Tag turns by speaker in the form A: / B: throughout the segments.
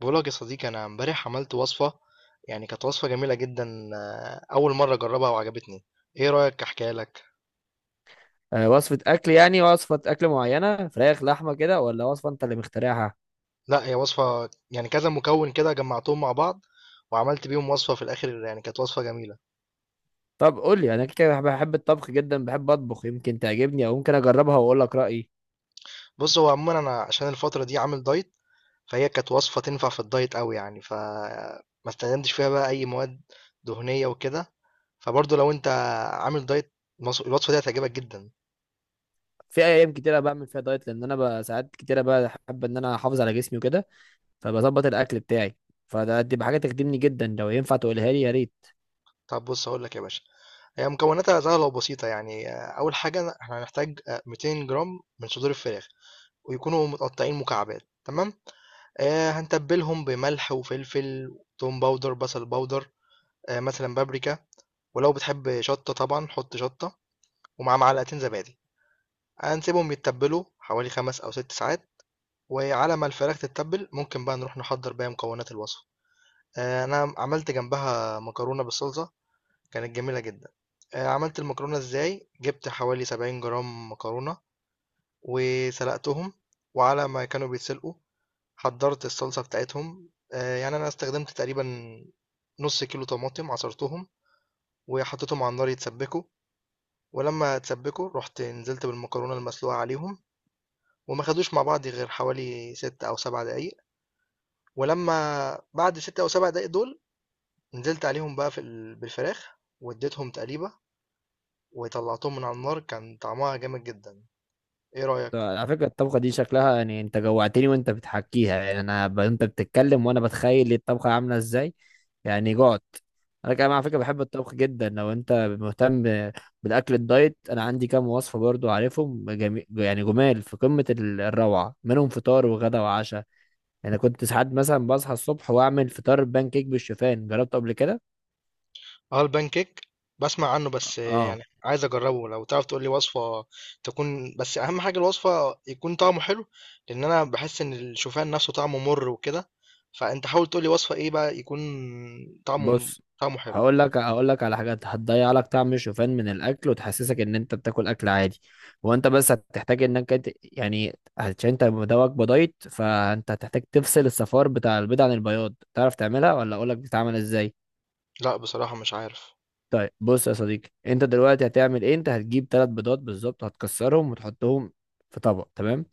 A: بقولك يا صديقي، انا امبارح عملت وصفه. يعني كانت وصفه جميله جدا. اول مره اجربها وعجبتني. ايه رايك احكيها لك؟
B: وصفة أكل يعني وصفة أكل معينة، فراخ لحمة كده ولا وصفة أنت اللي مخترعها؟
A: لا، هي وصفه يعني كذا مكون كده جمعتهم مع بعض وعملت بيهم وصفه في الاخر، يعني كانت وصفه جميله.
B: طب قول لي، أنا كده كده بحب الطبخ جدا، بحب أطبخ، يمكن تعجبني أو ممكن أجربها وأقول لك رأيي.
A: بص، هو عموما انا عشان الفتره دي عامل دايت، فهي كانت وصفه تنفع في الدايت قوي يعني، فما استخدمتش فيها بقى اي مواد دهنيه وكده. فبرضه لو انت عامل دايت، الوصفه دي هتعجبك جدا.
B: في أيام كتيرة بعمل فيها دايت، لأن أنا بقى ساعات كتيرة بحب إن أنا أحافظ على جسمي وكده، فبظبط الأكل بتاعي. فده دي بحاجة تخدمني جدا، لو ينفع تقولها لي يا ريت.
A: طب بص، هقول لك يا باشا. هي مكوناتها سهلة وبسيطة، يعني أول حاجة احنا هنحتاج 200 جرام من صدور الفراخ، ويكونوا متقطعين مكعبات. تمام، هنتبلهم بملح وفلفل، توم باودر، بصل باودر، مثلا بابريكا، ولو بتحب شطة طبعا حط شطة، ومع معلقتين زبادي. هنسيبهم يتبلوا حوالي 5 أو 6 ساعات. وعلى ما الفراخ تتبل، ممكن بقى نروح نحضر بقى مكونات الوصفة. أنا عملت جنبها مكرونة بالصلصة، كانت جميلة جدًا. عملت المكرونة إزاي؟ جِبت حوالي 70 جرام مكرونة وسلقتهم، وعلى ما كانوا بيتسلقوا حضّرت الصلصة بتاعتهم. يعني أنا استخدمت تقريبًا نُص كيلو طماطم، عصرتهم وحطيتهم على النار يتسبّكوا، ولمّا اتسبّكوا رُحت نزلت بالمكرونة المسلوقة عليهم، وما خدوش مع بعض غير حوالي 6 أو 7 دقايق، ولمّا بعد ال6 أو 7 دقايق دول نزلت عليهم بقى في ال بالفراخ واديتهم تقليبة وطلّعتهم من على النار. كان طعمها جامد جدًا. ايه رأيك؟
B: على فكرة الطبخة دي شكلها، يعني انت جوعتني وانت بتحكيها، يعني انت بتتكلم وانا بتخيل الطبخة عاملة ازاي، يعني جعت. انا كمان على فكرة بحب الطبخ جدا. لو انت مهتم بالاكل الدايت، انا عندي كام وصفة برضو عارفهم، يعني جمال في قمة الروعة، منهم فطار وغدا وعشاء. يعني كنت ساعات مثلا بصحى الصبح واعمل فطار بان كيك بالشوفان، جربته قبل كده.
A: اه، البان كيك بسمع عنه، بس
B: اه،
A: يعني عايز اجربه. لو تعرف تقول لي وصفة تكون، بس اهم حاجة الوصفة يكون طعمه حلو، لان انا بحس ان الشوفان نفسه طعمه مر وكده. فانت حاول تقول لي وصفة ايه بقى يكون طعمه
B: بص،
A: طعمه حلو.
B: هقول لك على حاجات هتضيع لك طعم الشوفان من الاكل، وتحسسك ان انت بتاكل اكل عادي. هو انت بس هتحتاج يعني عشان انت مدوك بدايت، فانت هتحتاج تفصل الصفار بتاع البيض عن البياض. تعرف تعملها ولا اقول لك بتتعمل ازاي؟
A: لا، بصراحة مش عارف.
B: طيب بص يا صديقي، انت دلوقتي هتعمل ايه؟ انت هتجيب ثلاث بيضات بالظبط، هتكسرهم وتحطهم في طبق، تمام.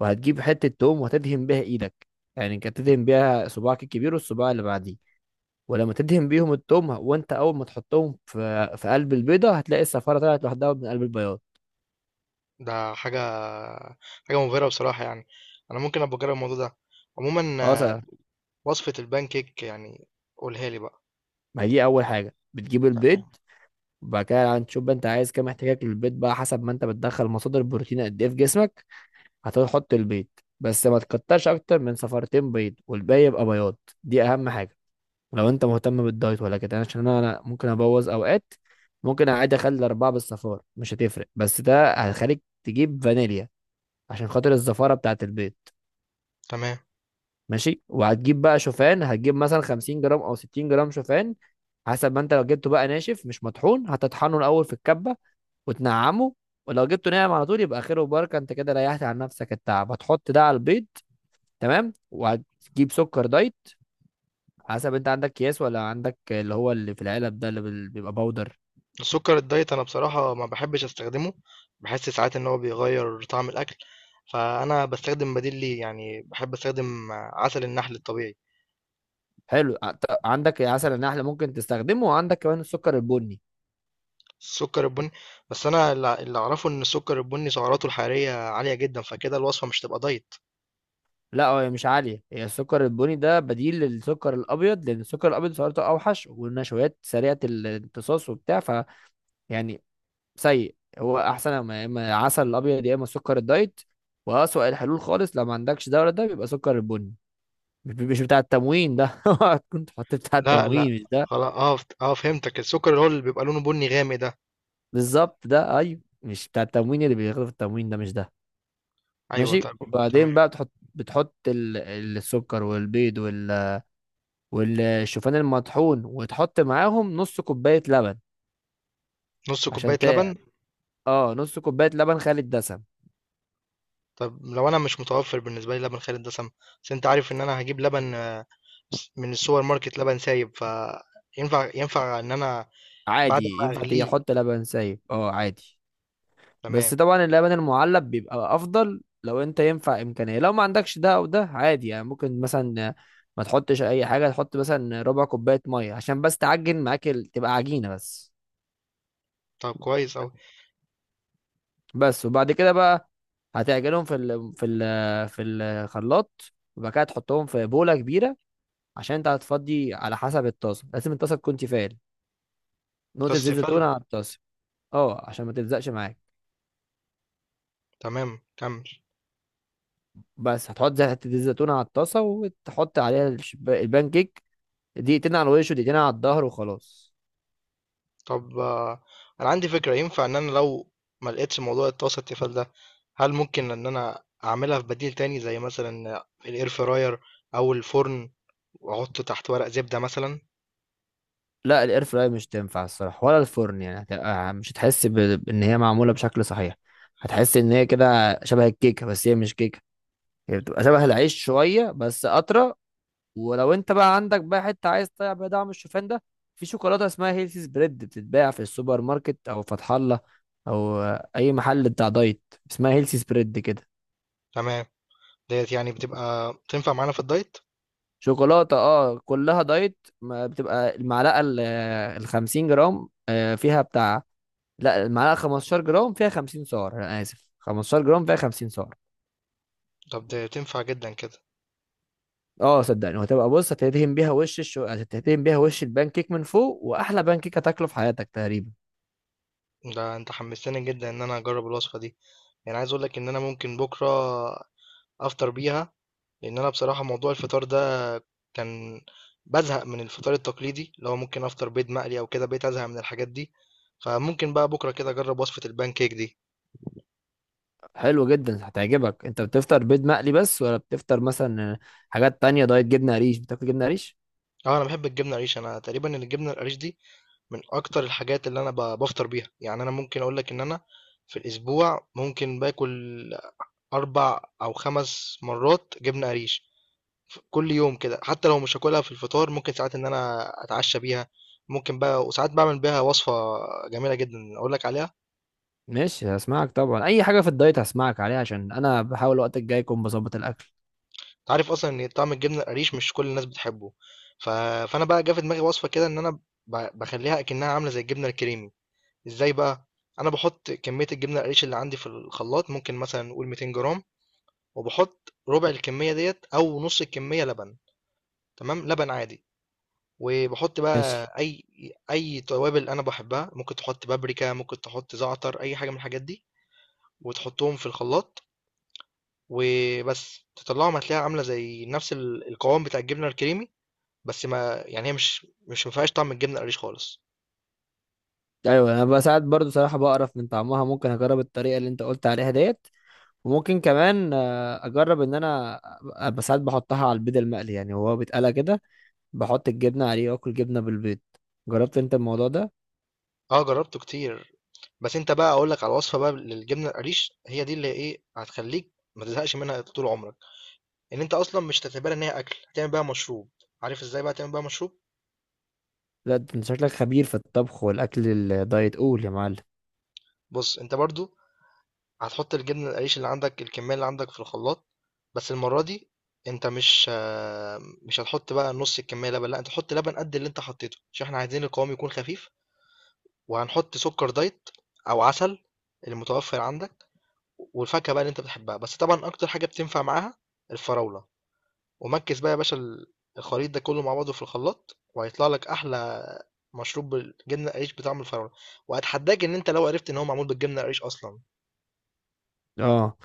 B: وهتجيب حتة توم وهتدهن بيها ايدك، يعني انت هتدهن بيها صباعك الكبير والصباع اللي بعديه. ولما تدهن بيهم التوم وانت اول ما تحطهم في قلب البيضه، هتلاقي الصفاره طلعت لوحدها من قلب البياض.
A: ده حاجة مبهرة بصراحة يعني. انا ممكن ابقى اجرب الموضوع ده عموما.
B: خلاص. ما
A: وصفة البان كيك يعني، قولها لي بقى.
B: هي دي اول حاجه، بتجيب البيض.
A: تمام.
B: وبعد كده هتشوف بقى انت عايز كام، احتياجك للبيض بقى حسب ما انت بتدخل مصادر البروتين قد ايه في جسمك. هتحط البيض، بس ما تكترش اكتر من صفارتين بيض، والباقي يبقى بياض. دي اهم حاجه لو انت مهتم بالدايت ولا كده، عشان انا ممكن ابوظ اوقات. ممكن عادي اخلي الاربعه بالصفار، مش هتفرق، بس ده هيخليك تجيب فانيليا عشان خاطر الزفاره بتاعت البيض.
A: تمام.
B: ماشي. وهتجيب بقى شوفان، هتجيب مثلا 50 جرام او 60 جرام شوفان. حسب ما انت لو جبته بقى ناشف مش مطحون، هتطحنه الاول في الكبه وتنعمه. ولو جبته ناعم على طول يبقى خير وبركه، انت كده ريحت عن نفسك التعب. هتحط ده على البيض، تمام. وهتجيب سكر دايت، حسب انت عندك اكياس ولا عندك اللي هو اللي في العلب ده، اللي بيبقى باودر.
A: السكر الدايت انا بصراحة ما بحبش استخدمه، بحس ساعات ان هو بيغير طعم الاكل، فانا بستخدم بديل ليه، يعني بحب استخدم عسل النحل الطبيعي.
B: حلو. عندك عسل النحل ممكن تستخدمه، وعندك كمان السكر البني.
A: السكر البني؟ بس انا اللي اعرفه ان السكر البني سعراته الحرارية عالية جدا، فكده الوصفة مش تبقى دايت.
B: لا، هي مش عالية، هي السكر البني ده بديل للسكر الأبيض، لأن السكر الأبيض سعراته أوحش، والنشويات سريعة الامتصاص وبتاع، ف يعني سيء. هو أحسن يا إما عسل الأبيض يا إما السكر الدايت، وأسوأ الحلول خالص لو ما عندكش ده ولا ده، بيبقى سكر البني. مش بتاع التموين ده اوعى كنت حطيت بتاع
A: لا، لا.
B: التموين، مش ده.
A: خلاص، اه فهمتك، السكر اللي هو اللي بيبقى لونه بني غامق ده.
B: بالظبط ده، أيوه، مش بتاع التموين اللي بياخده في التموين، ده مش ده.
A: ايوه،
B: ماشي.
A: طب.
B: وبعدين
A: تمام.
B: بقى بتحط السكر والبيض والشوفان المطحون، وتحط معاهم نص كوباية لبن.
A: نص
B: عشان
A: كوباية
B: ت...
A: لبن؟
B: اه نص كوباية لبن خالي الدسم.
A: طب لو انا مش متوفر بالنسبه لي لبن خالي الدسم، بس انت عارف ان انا هجيب لبن من السوبر ماركت لبن سايب، فينفع ينفع ان انا بعد
B: عادي،
A: ما
B: ينفع تيجي
A: اغليه؟
B: تحط لبن سايب، اه عادي. بس
A: تمام.
B: طبعا اللبن المعلب بيبقى افضل، لو انت ينفع امكانية. لو ما عندكش ده او ده عادي، يعني ممكن مثلا ما تحطش اي حاجة، تحط مثلا ربع كوباية مية عشان بس تعجن معاك تبقى عجينة بس.
A: طب كويس اوي.
B: بس. وبعد كده بقى هتعجنهم في الخلاط، وبعد كده تحطهم في بولة كبيرة. عشان انت هتفضي على حسب الطاسه، لازم الطاسه تكون تيفال. نقطه زيت زيتون
A: كاستفال؟
B: على الطاسه، اه، عشان ما تلزقش معاك.
A: تمام، كمل.
B: بس هتحط حته زيت زيتون على الطاسه، وتحط عليها البان كيك، دقيقتين على الوش ودقيقتين على الظهر وخلاص.
A: طب انا عندي فكره. ينفع ان انا لو ما لقيتش موضوع الطاسه التيفال ده، هل ممكن ان انا اعملها في بديل تاني زي مثلا الاير فراير او الفرن، واحط تحت ورق زبده مثلا؟
B: لا، الاير فراير مش تنفع الصراحه، ولا الفرن، يعني مش هتحس ان هي معموله بشكل صحيح. هتحس ان هي كده شبه الكيكه بس هي مش كيكه، هي بتبقى شبه العيش شويه بس اطرى. ولو انت بقى عندك بقى حته عايز تطلع بيها دعم الشوفان ده، في شوكولاته اسمها هيلثي سبريد، بتتباع في السوبر ماركت او فتح الله، او اي محل بتاع دايت، اسمها هيلثي سبريد كده.
A: تمام. ديت يعني بتبقى تنفع معانا في الدايت؟
B: شوكولاته، اه، كلها دايت. ما بتبقى المعلقه ال 50 جرام فيها بتاع، لا، المعلقه 15 جرام فيها 50 سعر، انا اسف، 15 جرام فيها 50 سعر.
A: طب ده تنفع جدا كده.
B: اه صدقني، وهتبقى، بص، هتدهن بيها وش البان كيك من فوق، واحلى بان كيك هتاكله في حياتك تقريبا.
A: ده انت حمستني جدا ان انا اجرب الوصفه دي. يعني عايز اقول لك ان انا ممكن بكره افطر بيها، لان انا بصراحه موضوع الفطار ده كان بزهق من الفطار التقليدي، اللي هو ممكن افطر بيض مقلي او كده، بقيت ازهق من الحاجات دي. فممكن بقى بكره كده اجرب وصفه البان كيك دي.
B: حلو جدا، هتعجبك. انت بتفطر بيض مقلي بس، ولا بتفطر مثلا حاجات تانية دايت؟ جبنة قريش، بتاكل جبنة قريش؟
A: اه، انا بحب الجبنه القريش. انا تقريبا الجبنه القريش دي من اكتر الحاجات اللي انا بفطر بيها. يعني انا ممكن اقول لك ان انا في الاسبوع ممكن باكل 4 او 5 مرات جبنه قريش ف كل يوم كده. حتى لو مش هاكلها في الفطار، ممكن ساعات إن أنا أتعشى بيها. ممكن بقى، وساعات باعمل بيها وصفة جميلة جدًا أقول لك عليها.
B: ماشي، هسمعك طبعا، اي حاجة في الدايت هسمعك عليها، عشان انا بحاول الوقت الجاي اكون بظبط الاكل.
A: أنت عارف أصلًا إن طعم الجبنة القريش مش كل الناس بتحبه. ف فأنا بقى جه في دماغي وصفة كده إن أنا باخلّيها أكنها عاملة زي الجبنة الكريمي. إزاي بقى؟ أنا باحط كمية الجبنة القريش اللي عندي في الخلاط، ممكن مثلًا نقول 200 جرام، وباحط ربع الكمية ديّة أو نص الكمية لبن، تمام. لبن عادي. وبحط
B: ماشي.
A: بقى اي توابل انا بحبها، ممكن تحط بابريكا، ممكن تحط زعتر، اي حاجه من الحاجات دي، وتحطهم في الخلاط. وبس تطلعهم هتلاقيها عامله زي نفس القوام بتاع الجبنه الكريمي، بس ما يعني هي مش ما فيهاش طعم الجبنه القريش خالص.
B: ايوه، انا بساعات برضو صراحة بقرف من طعمها، ممكن اجرب الطريقة اللي انت قلت عليها ديت. وممكن كمان اجرب ان انا أبقى بساعات بحطها على البيض المقلي، يعني هو بيتقلى كده بحط الجبنة عليه، واكل جبنة بالبيض. جربت انت الموضوع ده؟
A: اه، جربته كتير. بس انت بقى اقول لك على وصفه بقى للجبنه القريش، هي دي اللي ايه هتخليك ما تزهقش منها طول عمرك. ان انت اصلا مش هتعتبرها ان هي اكل، هتعمل بيها مشروب. عارف ازاي بقى تعمل بيها مشروب؟
B: لا، ده انت شكلك خبير في الطبخ والاكل الدايت، قول يا معلم.
A: بص، انت برضو هتحط الجبنة القريش اللي عندك، الكمية اللي عندك، في الخلاط، بس المرة دي انت مش هتحط بقى نص الكمية لبن. لا، انت تحط لبن قد اللي انت حطيته، عشان احنا عايزين القوام يكون خفيف. وهنحط سكر دايت او عسل، المتوفر عندك، والفاكهة بقى اللي انت بتحبها. بس طبعا اكتر حاجة بتنفع معاها الفراولة. ومكس بقى يا باشا الخليط ده كله مع بعضه في الخلاط، وهيطلع لك احلى مشروب بالجبنة القريش بطعم الفراولة، واتحداك ان انت لو عرفت ان هو معمول بالجبنة القريش اصلا.
B: اه.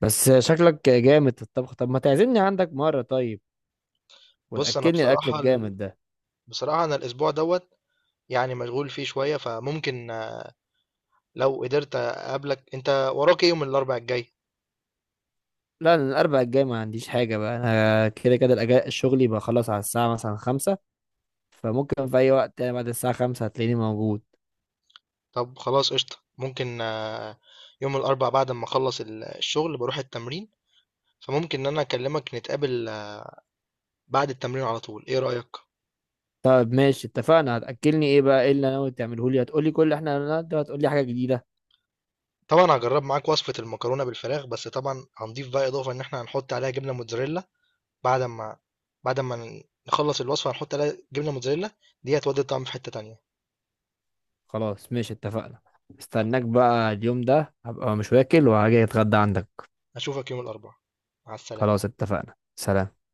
B: بس شكلك جامد في الطبخ، طب ما تعزمني عندك مرة طيب،
A: بص، انا
B: وتأكلني الأكل
A: بصراحة
B: الجامد ده.
A: بصراحة أنا الأسبوع دوت يعني مشغول فيه شوية. فممكن لو قدرت أقابلك. أنت وراك إيه يوم الأربع الجاي؟
B: لا، أنا الأربع الجاي ما عنديش حاجة، بقى أنا كده كده الأجازة، الشغل يبقى خلاص على الساعة مثلا خمسة، فممكن في أي وقت، يعني بعد الساعة خمسة هتلاقيني موجود.
A: طب خلاص، قشطة. ممكن يوم الأربع بعد ما أخلص الشغل بروح التمرين، فممكن إن أنا أكلمك نتقابل بعد التمرين على طول. إيه رأيك؟
B: طب ماشي، اتفقنا، هتأكلني إيه بقى؟ إيه اللي أنا ناوي تعمله لي، هتقولي كل اللي إحنا قلناه ده، وهتقولي حاجة جديدة؟
A: طبعا هجرب معاك وصفة المكرونة بالفراخ، بس طبعا هنضيف بقى إضافة إن إحنا هنحط عليها جبنة موتزاريلا. بعد ما بعد ما نخلص الوصفة هنحط عليها جبنة موتزاريلا، دي هتودي الطعم في حتة تانية.
B: خلاص ماشي اتفقنا، استناك بقى، اليوم ده هبقى مش واكل، وهاجي أتغدى عندك.
A: أشوفك يوم الأربع. مع السلامة.
B: خلاص اتفقنا، سلام.